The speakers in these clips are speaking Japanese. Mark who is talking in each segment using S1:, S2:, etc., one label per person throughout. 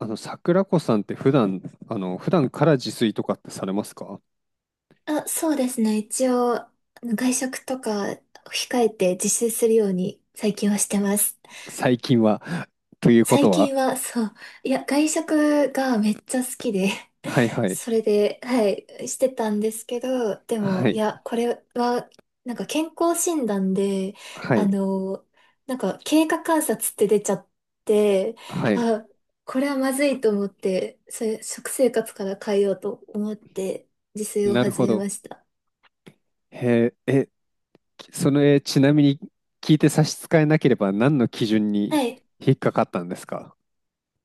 S1: 桜子さんって普段から自炊とかってされますか？
S2: あ、そうですね。一応、あの外食とか控えて自炊するように最近はしてます。
S1: 最近は。というこ
S2: 最
S1: とは、
S2: 近は、そう、いや、外食がめっちゃ好きで、
S1: はいは い、
S2: それで、はい、してたんですけど、で
S1: は
S2: も、い
S1: い、
S2: や、これは、なんか健康診断で、
S1: は
S2: あ
S1: い、
S2: の、なんか経過観察って出ちゃって、
S1: はい。
S2: あ、これはまずいと思って、それ、食生活から変えようと思って、自炊を
S1: なる
S2: 始
S1: ほ
S2: め
S1: ど。
S2: ました。
S1: へえ、ちなみに聞いて差し支えなければ何の基準
S2: は
S1: に
S2: い、
S1: 引っかかったんですか？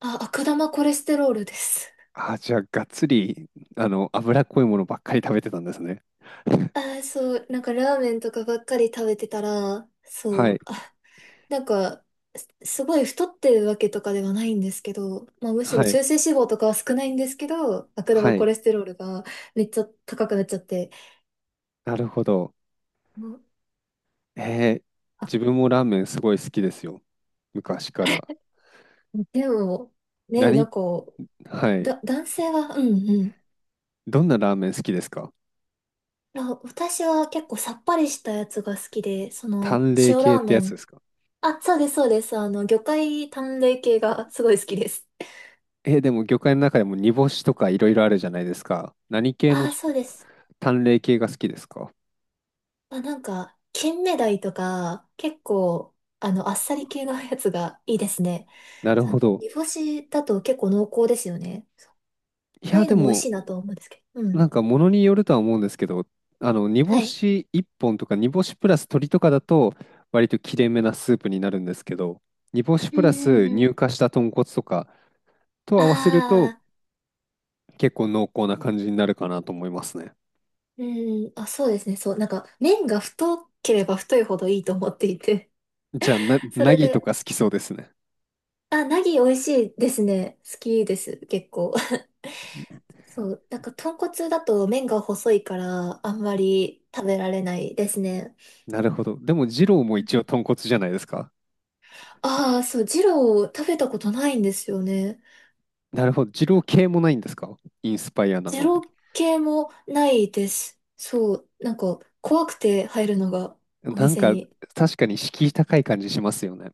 S2: あ、悪玉コレステロールです。
S1: あ、じゃあ、がっつり、脂っこいものばっかり食べてたんですね。
S2: あー、そう、なんかラーメンとかばっかり食べてたら、そ
S1: は
S2: う、
S1: い、
S2: あ、なんか、すごい太ってるわけとかではないんですけど、まあむしろ
S1: はい、
S2: 中性脂肪とかは少ないんですけど、悪玉
S1: は
S2: コ
S1: い。
S2: レステロールがめっちゃ高くなっちゃって。
S1: なるほど。
S2: も
S1: えー自分もラーメンすごい好きですよ。昔から。
S2: うでも、ね、な
S1: 何
S2: んか、
S1: はい。
S2: 男性は、うんう
S1: どんなラーメン好きですか？
S2: ん。あ、私は結構さっぱりしたやつが好きで、その、
S1: 淡麗
S2: 塩ラ
S1: 系っ
S2: ー
S1: て
S2: メ
S1: やつで
S2: ン。
S1: すか？
S2: あ、そうです、そうです。あの、魚介淡麗系がすごい好きです。
S1: え、でも魚介の中でも煮干しとかいろいろあるじゃないですか。何系
S2: あ
S1: の
S2: あ、そうです。
S1: 淡麗系が好きですか？
S2: あ、なんか、金目鯛とか、結構、あの、あっさり系の やつがいいですね。
S1: なる
S2: その
S1: ほど。
S2: 煮干しだと結構濃厚ですよね。
S1: い
S2: ああい
S1: や、
S2: う
S1: で
S2: のも美味し
S1: も、
S2: いなと思うんですけど。う
S1: な
S2: ん。
S1: んか物によるとは思うんですけど、煮
S2: は
S1: 干
S2: い。
S1: し1本とか煮干しプラス鶏とかだと、割と切れ目なスープになるんですけど、煮干し
S2: うん
S1: プラ
S2: う
S1: ス
S2: んう
S1: 乳
S2: ん。
S1: 化した豚骨とかと
S2: あ
S1: 合わせると、
S2: あ、
S1: 結構濃厚な感じになるかなと思いますね。
S2: うん、あ、そうですね。そう、なんか、麺が太ければ太いほどいいと思っていて。
S1: じゃあ、
S2: そ
S1: ナ
S2: れ
S1: ギと
S2: で、
S1: か好きそうですね。
S2: あ、ナギ美味しいですね。好きです、結構。そう、なんか、豚骨だと麺が細いから、あんまり食べられないですね。
S1: なるほど。でも、二郎も一応豚骨じゃないですか。
S2: ああ、そう、二郎食べたことないんですよね。
S1: なるほど。二郎系もないんですか？インスパイアな
S2: 二
S1: の。
S2: 郎系もないです。そう、なんか怖くて入るのがお
S1: なん
S2: 店
S1: か、
S2: に。
S1: 確かに敷居高い感じしますよね。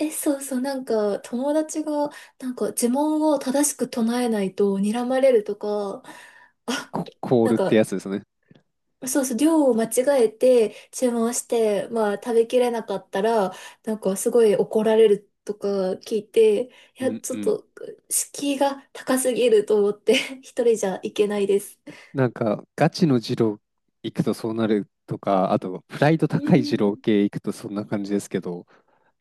S2: え、そうそう、なんか友達がなんか呪文を正しく唱えないと睨まれるとか、あ、
S1: コー
S2: なん
S1: ルって
S2: か
S1: やつですね。
S2: そうそう、量を間違えて注文して、まあ食べきれなかったら、なんかすごい怒られるとか聞いて、い
S1: う
S2: や、
S1: ん
S2: ちょ
S1: う
S2: っ
S1: ん。
S2: と敷居が高すぎると思って、一人じゃいけないです。
S1: なんか、ガチの二郎行くとそうなるとか、あと、プライド
S2: う
S1: 高い二郎
S2: ん。
S1: 系行くとそんな感じですけど、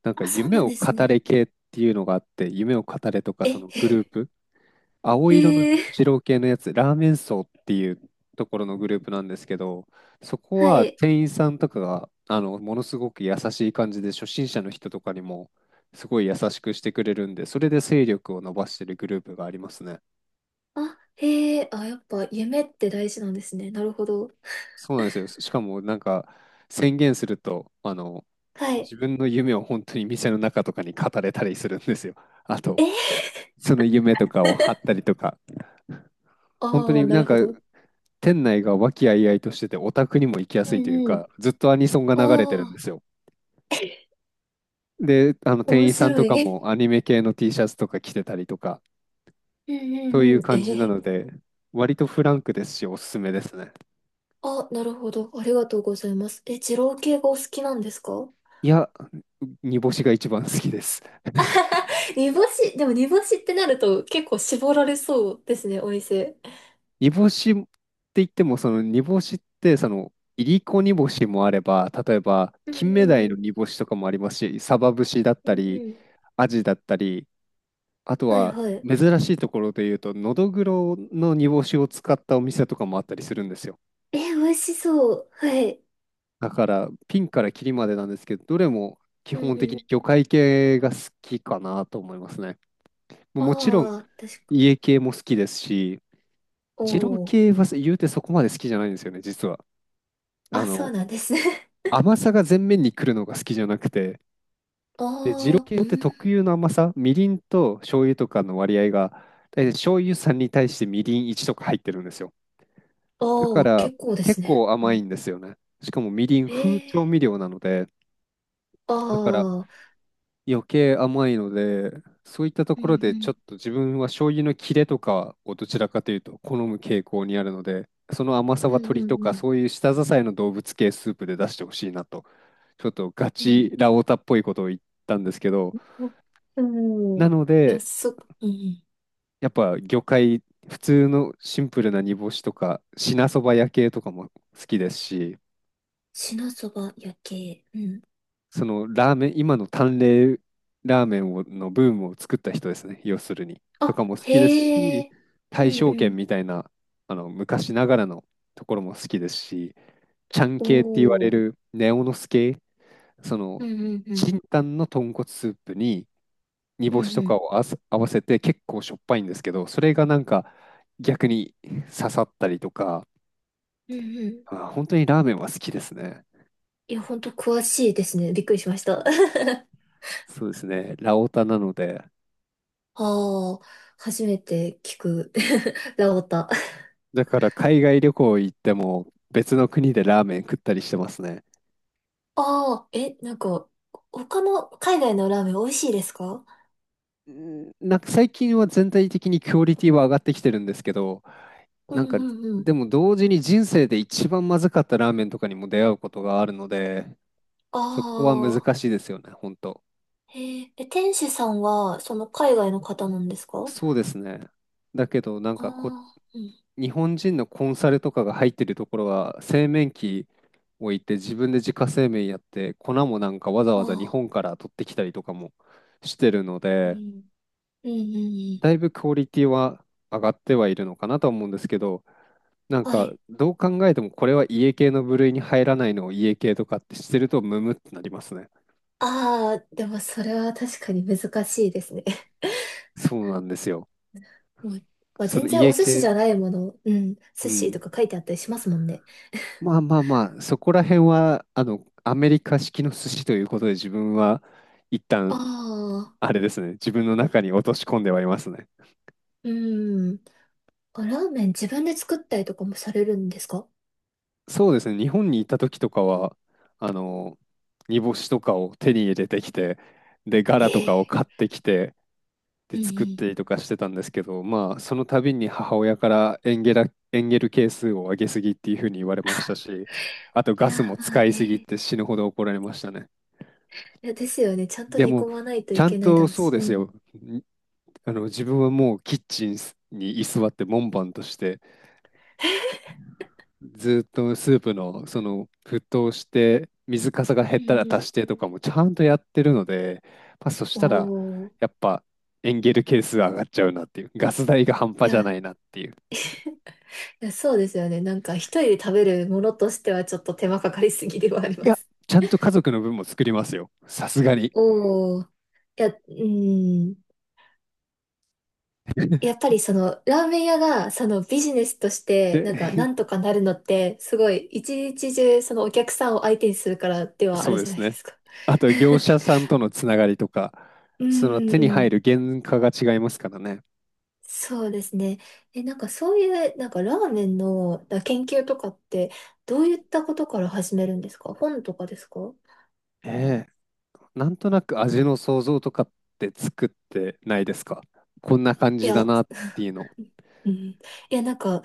S1: なんか、
S2: あ、そう
S1: 夢
S2: なん
S1: を
S2: です
S1: 語
S2: ね。
S1: れ系っていうのがあって、夢を語れとか、
S2: え、
S1: そのグルー プ、青色の
S2: へえ、
S1: 二郎系のやつ、ラーメン荘っていうところのグループなんですけど、そこ
S2: は
S1: は
S2: い。
S1: 店員さんとかが、あの、ものすごく優しい感じで、初心者の人とかにも、すごい優しくしてくれるんで、それで勢力を伸ばしてるグループがありますね。
S2: あ、へえ、あ、やっぱ夢って大事なんですね。なるほど。
S1: そうなんですよ。しかも、なんか、宣言すると、
S2: はい。
S1: 自分の夢を本当に店の中とかに語れたりするんですよ。あと、
S2: え、
S1: その夢とかを貼った りとか、本当
S2: ああ、
S1: に
S2: な
S1: な
S2: る
S1: んか
S2: ほど。
S1: 店内が和気あいあいとしてて、オタクにも行きや
S2: う
S1: すいという
S2: んうん。
S1: か、ずっとアニソンが流れてるん
S2: あ
S1: で
S2: あ、
S1: すよ。で、あの店
S2: 面
S1: 員さん
S2: 白
S1: とか
S2: い。
S1: もアニメ系の T シャツとか着てたりとか、
S2: うんう
S1: とい
S2: んう
S1: う
S2: ん。え
S1: 感
S2: へ
S1: じな
S2: へ、
S1: ので、割とフランクですし、おすすめですね。
S2: あ、なるほど。ありがとうございます。え、二郎系がお好きなんですか？
S1: いや、煮干しが一番好きです。
S2: 煮干し、でも煮干しってなると結構絞られそうですね、お店。
S1: 煮干しって言っても、その煮干しって、いりこ煮干しもあれば、例えば、
S2: うん
S1: 金目
S2: う
S1: 鯛の
S2: ん。
S1: 煮干しとかもありますし、サバ節だっ
S2: うん
S1: たり、
S2: うん。
S1: アジだったり、あと
S2: はい
S1: は、
S2: はい。
S1: 珍しいところで言うと、のどぐろの煮干しを使ったお店とかもあったりするんですよ。
S2: え、美味しそう。はい。
S1: だから、ピンからキリまでなんですけど、どれも基
S2: うん
S1: 本
S2: う
S1: 的に
S2: ん。
S1: 魚介系が好きかなと思いますね。もう
S2: あ
S1: もちろん、
S2: あ、確か。
S1: 家系も好きですし、
S2: お
S1: 二郎
S2: お。
S1: 系は言うてそこまで好きじゃないんですよね、実は。あ
S2: あ、そう
S1: の、
S2: なんですね。
S1: 甘さが前面に来るのが好きじゃなくて、
S2: あ
S1: で、二郎
S2: あ、
S1: 系
S2: う
S1: って
S2: ん。
S1: 特有の甘さ、みりんと醤油とかの割合が、大体醤油3に対してみりん1とか入ってるんですよ。
S2: あ
S1: だか
S2: あ、
S1: ら
S2: 結構で
S1: 結
S2: すね。
S1: 構
S2: う
S1: 甘い
S2: ん。
S1: んですよね。しかもみりん、
S2: え
S1: 風調
S2: え
S1: 味料なので、
S2: ー。
S1: だから
S2: ああ。
S1: 余計甘いので、そういったと
S2: うん
S1: こ
S2: う
S1: ろでちょ
S2: ん。
S1: っと自分は醤油の切れとかをどちらかというと好む傾向にあるので、その甘さ
S2: う
S1: は
S2: ん
S1: 鶏
S2: う
S1: とか
S2: ん
S1: そういう舌支えの動物系スープで出してほしいなと、ちょっとガ
S2: うん。
S1: チラオタっぽいことを言ったんですけど、
S2: うん。うん、
S1: な
S2: い
S1: の
S2: や、
S1: で、
S2: そ、うんうん。
S1: やっぱ魚介、普通のシンプルな煮干しとか、品そば焼系とかも好きですし、
S2: しなそば焼け。うん。
S1: そのラーメン、今の淡麗ラーメンをのブームを作った人ですね、要するに。と
S2: あ、
S1: かも好きです
S2: へ
S1: し、
S2: え。う
S1: 大
S2: ん
S1: 正
S2: う
S1: 軒
S2: ん。
S1: みたいな、あの、昔ながらのところも好きですし、ちゃん
S2: お
S1: 系って言われ
S2: ー。
S1: るネオノス系、そ
S2: う
S1: の、
S2: んうんうん。
S1: チンタンの豚骨スープに煮
S2: うん
S1: 干
S2: う
S1: しとか
S2: ん。
S1: をあわせ合わせて結構しょっぱいんですけど、それがなんか逆に刺さったりとか、
S2: うんうん。
S1: あ、本当にラーメンは好きですね。
S2: いや、ほんと詳しいですね。びっくりしました。
S1: そうですね、ラオタなので。
S2: ああ、初めて聞く。ラオタ。
S1: だから海外旅行行っても別の国でラーメン食ったりしてますね。
S2: ああ、え、なんか、他の海外のラーメン美味しいですか？
S1: うんなんか最近は全体的にクオリティは上がってきてるんですけど、
S2: う
S1: なん
S2: ん
S1: か
S2: うんうん。
S1: でも同時に人生で一番まずかったラーメンとかにも出会うことがあるので、
S2: あ
S1: そこは難
S2: あ、
S1: しいですよね、本当。
S2: へえ。え、天使さんは、その海外の方なんですか？
S1: そうですね。だけどなんかこう、
S2: ああー、う
S1: 日本人のコンサルとかが入ってるところは製麺機置いて自分で自家製麺やって粉もなんかわざ
S2: ん。
S1: わざ日
S2: ああ、
S1: 本から取ってきたりとかもしてるの
S2: う
S1: で。
S2: ん。うんうんうん。
S1: だいぶクオリティは上がってはいるのかなと思うんですけど、なん
S2: は
S1: か
S2: い。
S1: どう考えてもこれは家系の部類に入らないのを家系とかってしてるとムムってなりますね。
S2: ああ、でもそれは確かに難しいですね。
S1: そうなんですよ。
S2: もう、まあ、
S1: そ
S2: 全
S1: の
S2: 然お
S1: 家
S2: 寿司じ
S1: 系、
S2: ゃないもの、うん、
S1: う
S2: 寿司と
S1: ん。
S2: か書いてあったりしますもんね。
S1: まあまあまあ、そこら辺はあのアメリカ式の寿司ということで自分は一
S2: あ
S1: 旦
S2: あ、
S1: あれですね、自分の中に落とし込んではいますね。
S2: うん。あ、ラーメン自分で作ったりとかもされるんですか？
S1: そうですね、日本に行った時とかは、あの、煮干しとかを手に入れてきて、で、ガ
S2: え
S1: ラとか
S2: え。
S1: を買ってきて、で
S2: うんう
S1: 作ったり
S2: ん。
S1: とかしてたんですけど、まあ、その度に母親からエンゲル係数を上げすぎっていうふうに言われましたし、あと
S2: い
S1: ガ
S2: や
S1: スも
S2: ー、まあ
S1: 使いす
S2: ね。
S1: ぎって死ぬほど怒られましたね。
S2: いや、ですよね。ちゃんと
S1: で
S2: 煮
S1: も、
S2: 込まないと
S1: ち
S2: い
S1: ゃん
S2: けないだ
S1: と
S2: ろう
S1: そう
S2: し。
S1: で
S2: う
S1: す
S2: ん。
S1: よ。ん自分はもうキッチンに居座って門番として、ずっとスープのその沸騰して、水かさが減
S2: う
S1: ったら
S2: ん
S1: 足してとかもちゃんとやってるので、まあ、そし
S2: う
S1: た
S2: ん。
S1: ら、
S2: おー。
S1: やっぱエンゲル係数上がっちゃうなっていう、ガス代が半
S2: い
S1: 端じゃな
S2: や、
S1: いなっていう。
S2: いや、そうですよね。なんか一人で食べるものとしてはちょっと手間かかりすぎではあり
S1: い
S2: ま
S1: や、
S2: す。
S1: ちゃんと家族の分も作りますよ。さすがに。
S2: おー。いや、うん。やっぱりそのラーメン屋がそのビジネスとして
S1: で、
S2: なんかな んとかなるのってすごい一日中そのお客さんを相手にするからではあ
S1: そ
S2: る
S1: うで
S2: じゃ
S1: す
S2: ないで
S1: ね。
S2: すか。
S1: あと、業 者さんとのつながりとか、
S2: う
S1: その
S2: ん
S1: 手に
S2: う
S1: 入
S2: ん。
S1: る原価が違いますからね。
S2: そうですね。え、なんかそういうなんかラーメンのだ研究とかってどういったことから始めるんですか？本とかですか？
S1: ええ、なんとなく味の想像とかって作ってないですか？こんな感
S2: い
S1: じだ
S2: や、
S1: なって いうの。
S2: うん。いや、なんか、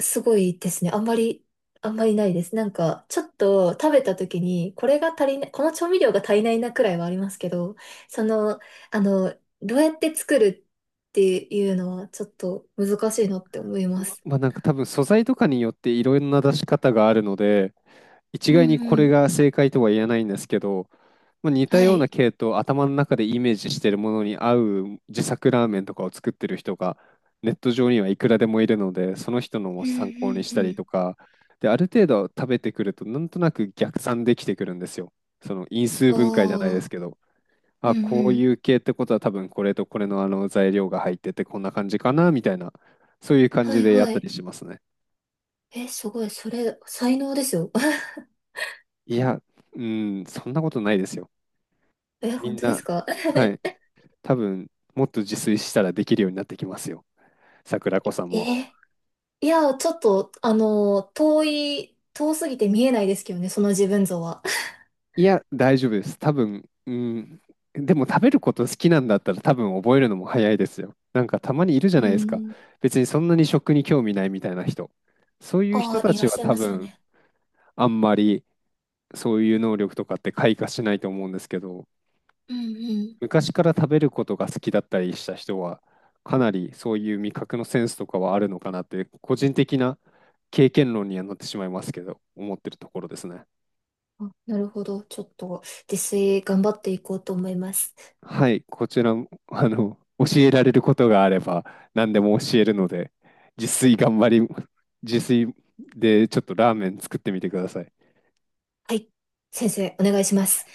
S2: すごいですね。あんまり、あんまりないです。なんか、ちょっと食べた時に、これが足りない、この調味料が足りないなくらいはありますけど、その、あの、どうやって作るっていうのは、ちょっと難しいなって思いま
S1: ま
S2: す。
S1: まあなんか多分素材とかによっていろんな出し方があるので、一
S2: う
S1: 概にこ
S2: んう
S1: れ
S2: ん。
S1: が正解とは言えないんですけど、まあ、似た
S2: は
S1: ような
S2: い。
S1: 系統、頭の中でイメージしてるものに合う自作ラーメンとかを作ってる人がネット上にはいくらでもいるので、その人のも
S2: うんう
S1: 参考にしたり
S2: ん
S1: とか、で、ある程度食べてくると、なんとなく逆算できてくるんですよ。その因数
S2: う
S1: 分解じゃない
S2: ん。あ
S1: です
S2: あ、
S1: けど、
S2: う
S1: あ、
S2: ん
S1: こ
S2: う
S1: うい
S2: ん。
S1: う系ってことは多分これとこれのあの材料が入っててこんな感じかなみたいな、そういう感
S2: は
S1: じ
S2: い
S1: でやっ
S2: は
S1: た
S2: い。
S1: りしますね。
S2: え、すごい、それ、才能ですよ。
S1: いや、うん、そんなことないですよ。
S2: え、
S1: み
S2: 本
S1: ん
S2: 当で
S1: な、
S2: すか？
S1: はい。多分もっと自炊したらできるようになってきますよ。桜子さん
S2: え
S1: も。
S2: ー、いや、ちょっと、あの、遠すぎて見えないですけどね、その自分像は。
S1: いや、大丈夫です。多分、ん、でも食べること好きなんだったら多分覚えるのも早いですよ。なんかたまにいるじゃ
S2: う
S1: ないですか。
S2: ん。
S1: 別にそんなに食に興味ないみたいな人。そういう
S2: あ
S1: 人
S2: あ、
S1: た
S2: いら
S1: ち
S2: っ
S1: は
S2: しゃい
S1: 多
S2: ますよ
S1: 分
S2: ね。
S1: あんまりそういう能力とかって開花しないと思うんですけど。
S2: うん
S1: 昔から食べることが好きだったりした人は、かなりそういう味覚のセンスとかはあるのかなって、個人的な経験論にはなってしまいますけど、思ってるところですね。
S2: うん。あ、なるほど。ちょっと、自炊頑張っていこうと思います。
S1: はい、こちらも、教えられることがあれば、何でも教えるので、自炊頑張り、自炊でちょっとラーメン作ってみてください。
S2: はい。先生、お願いします。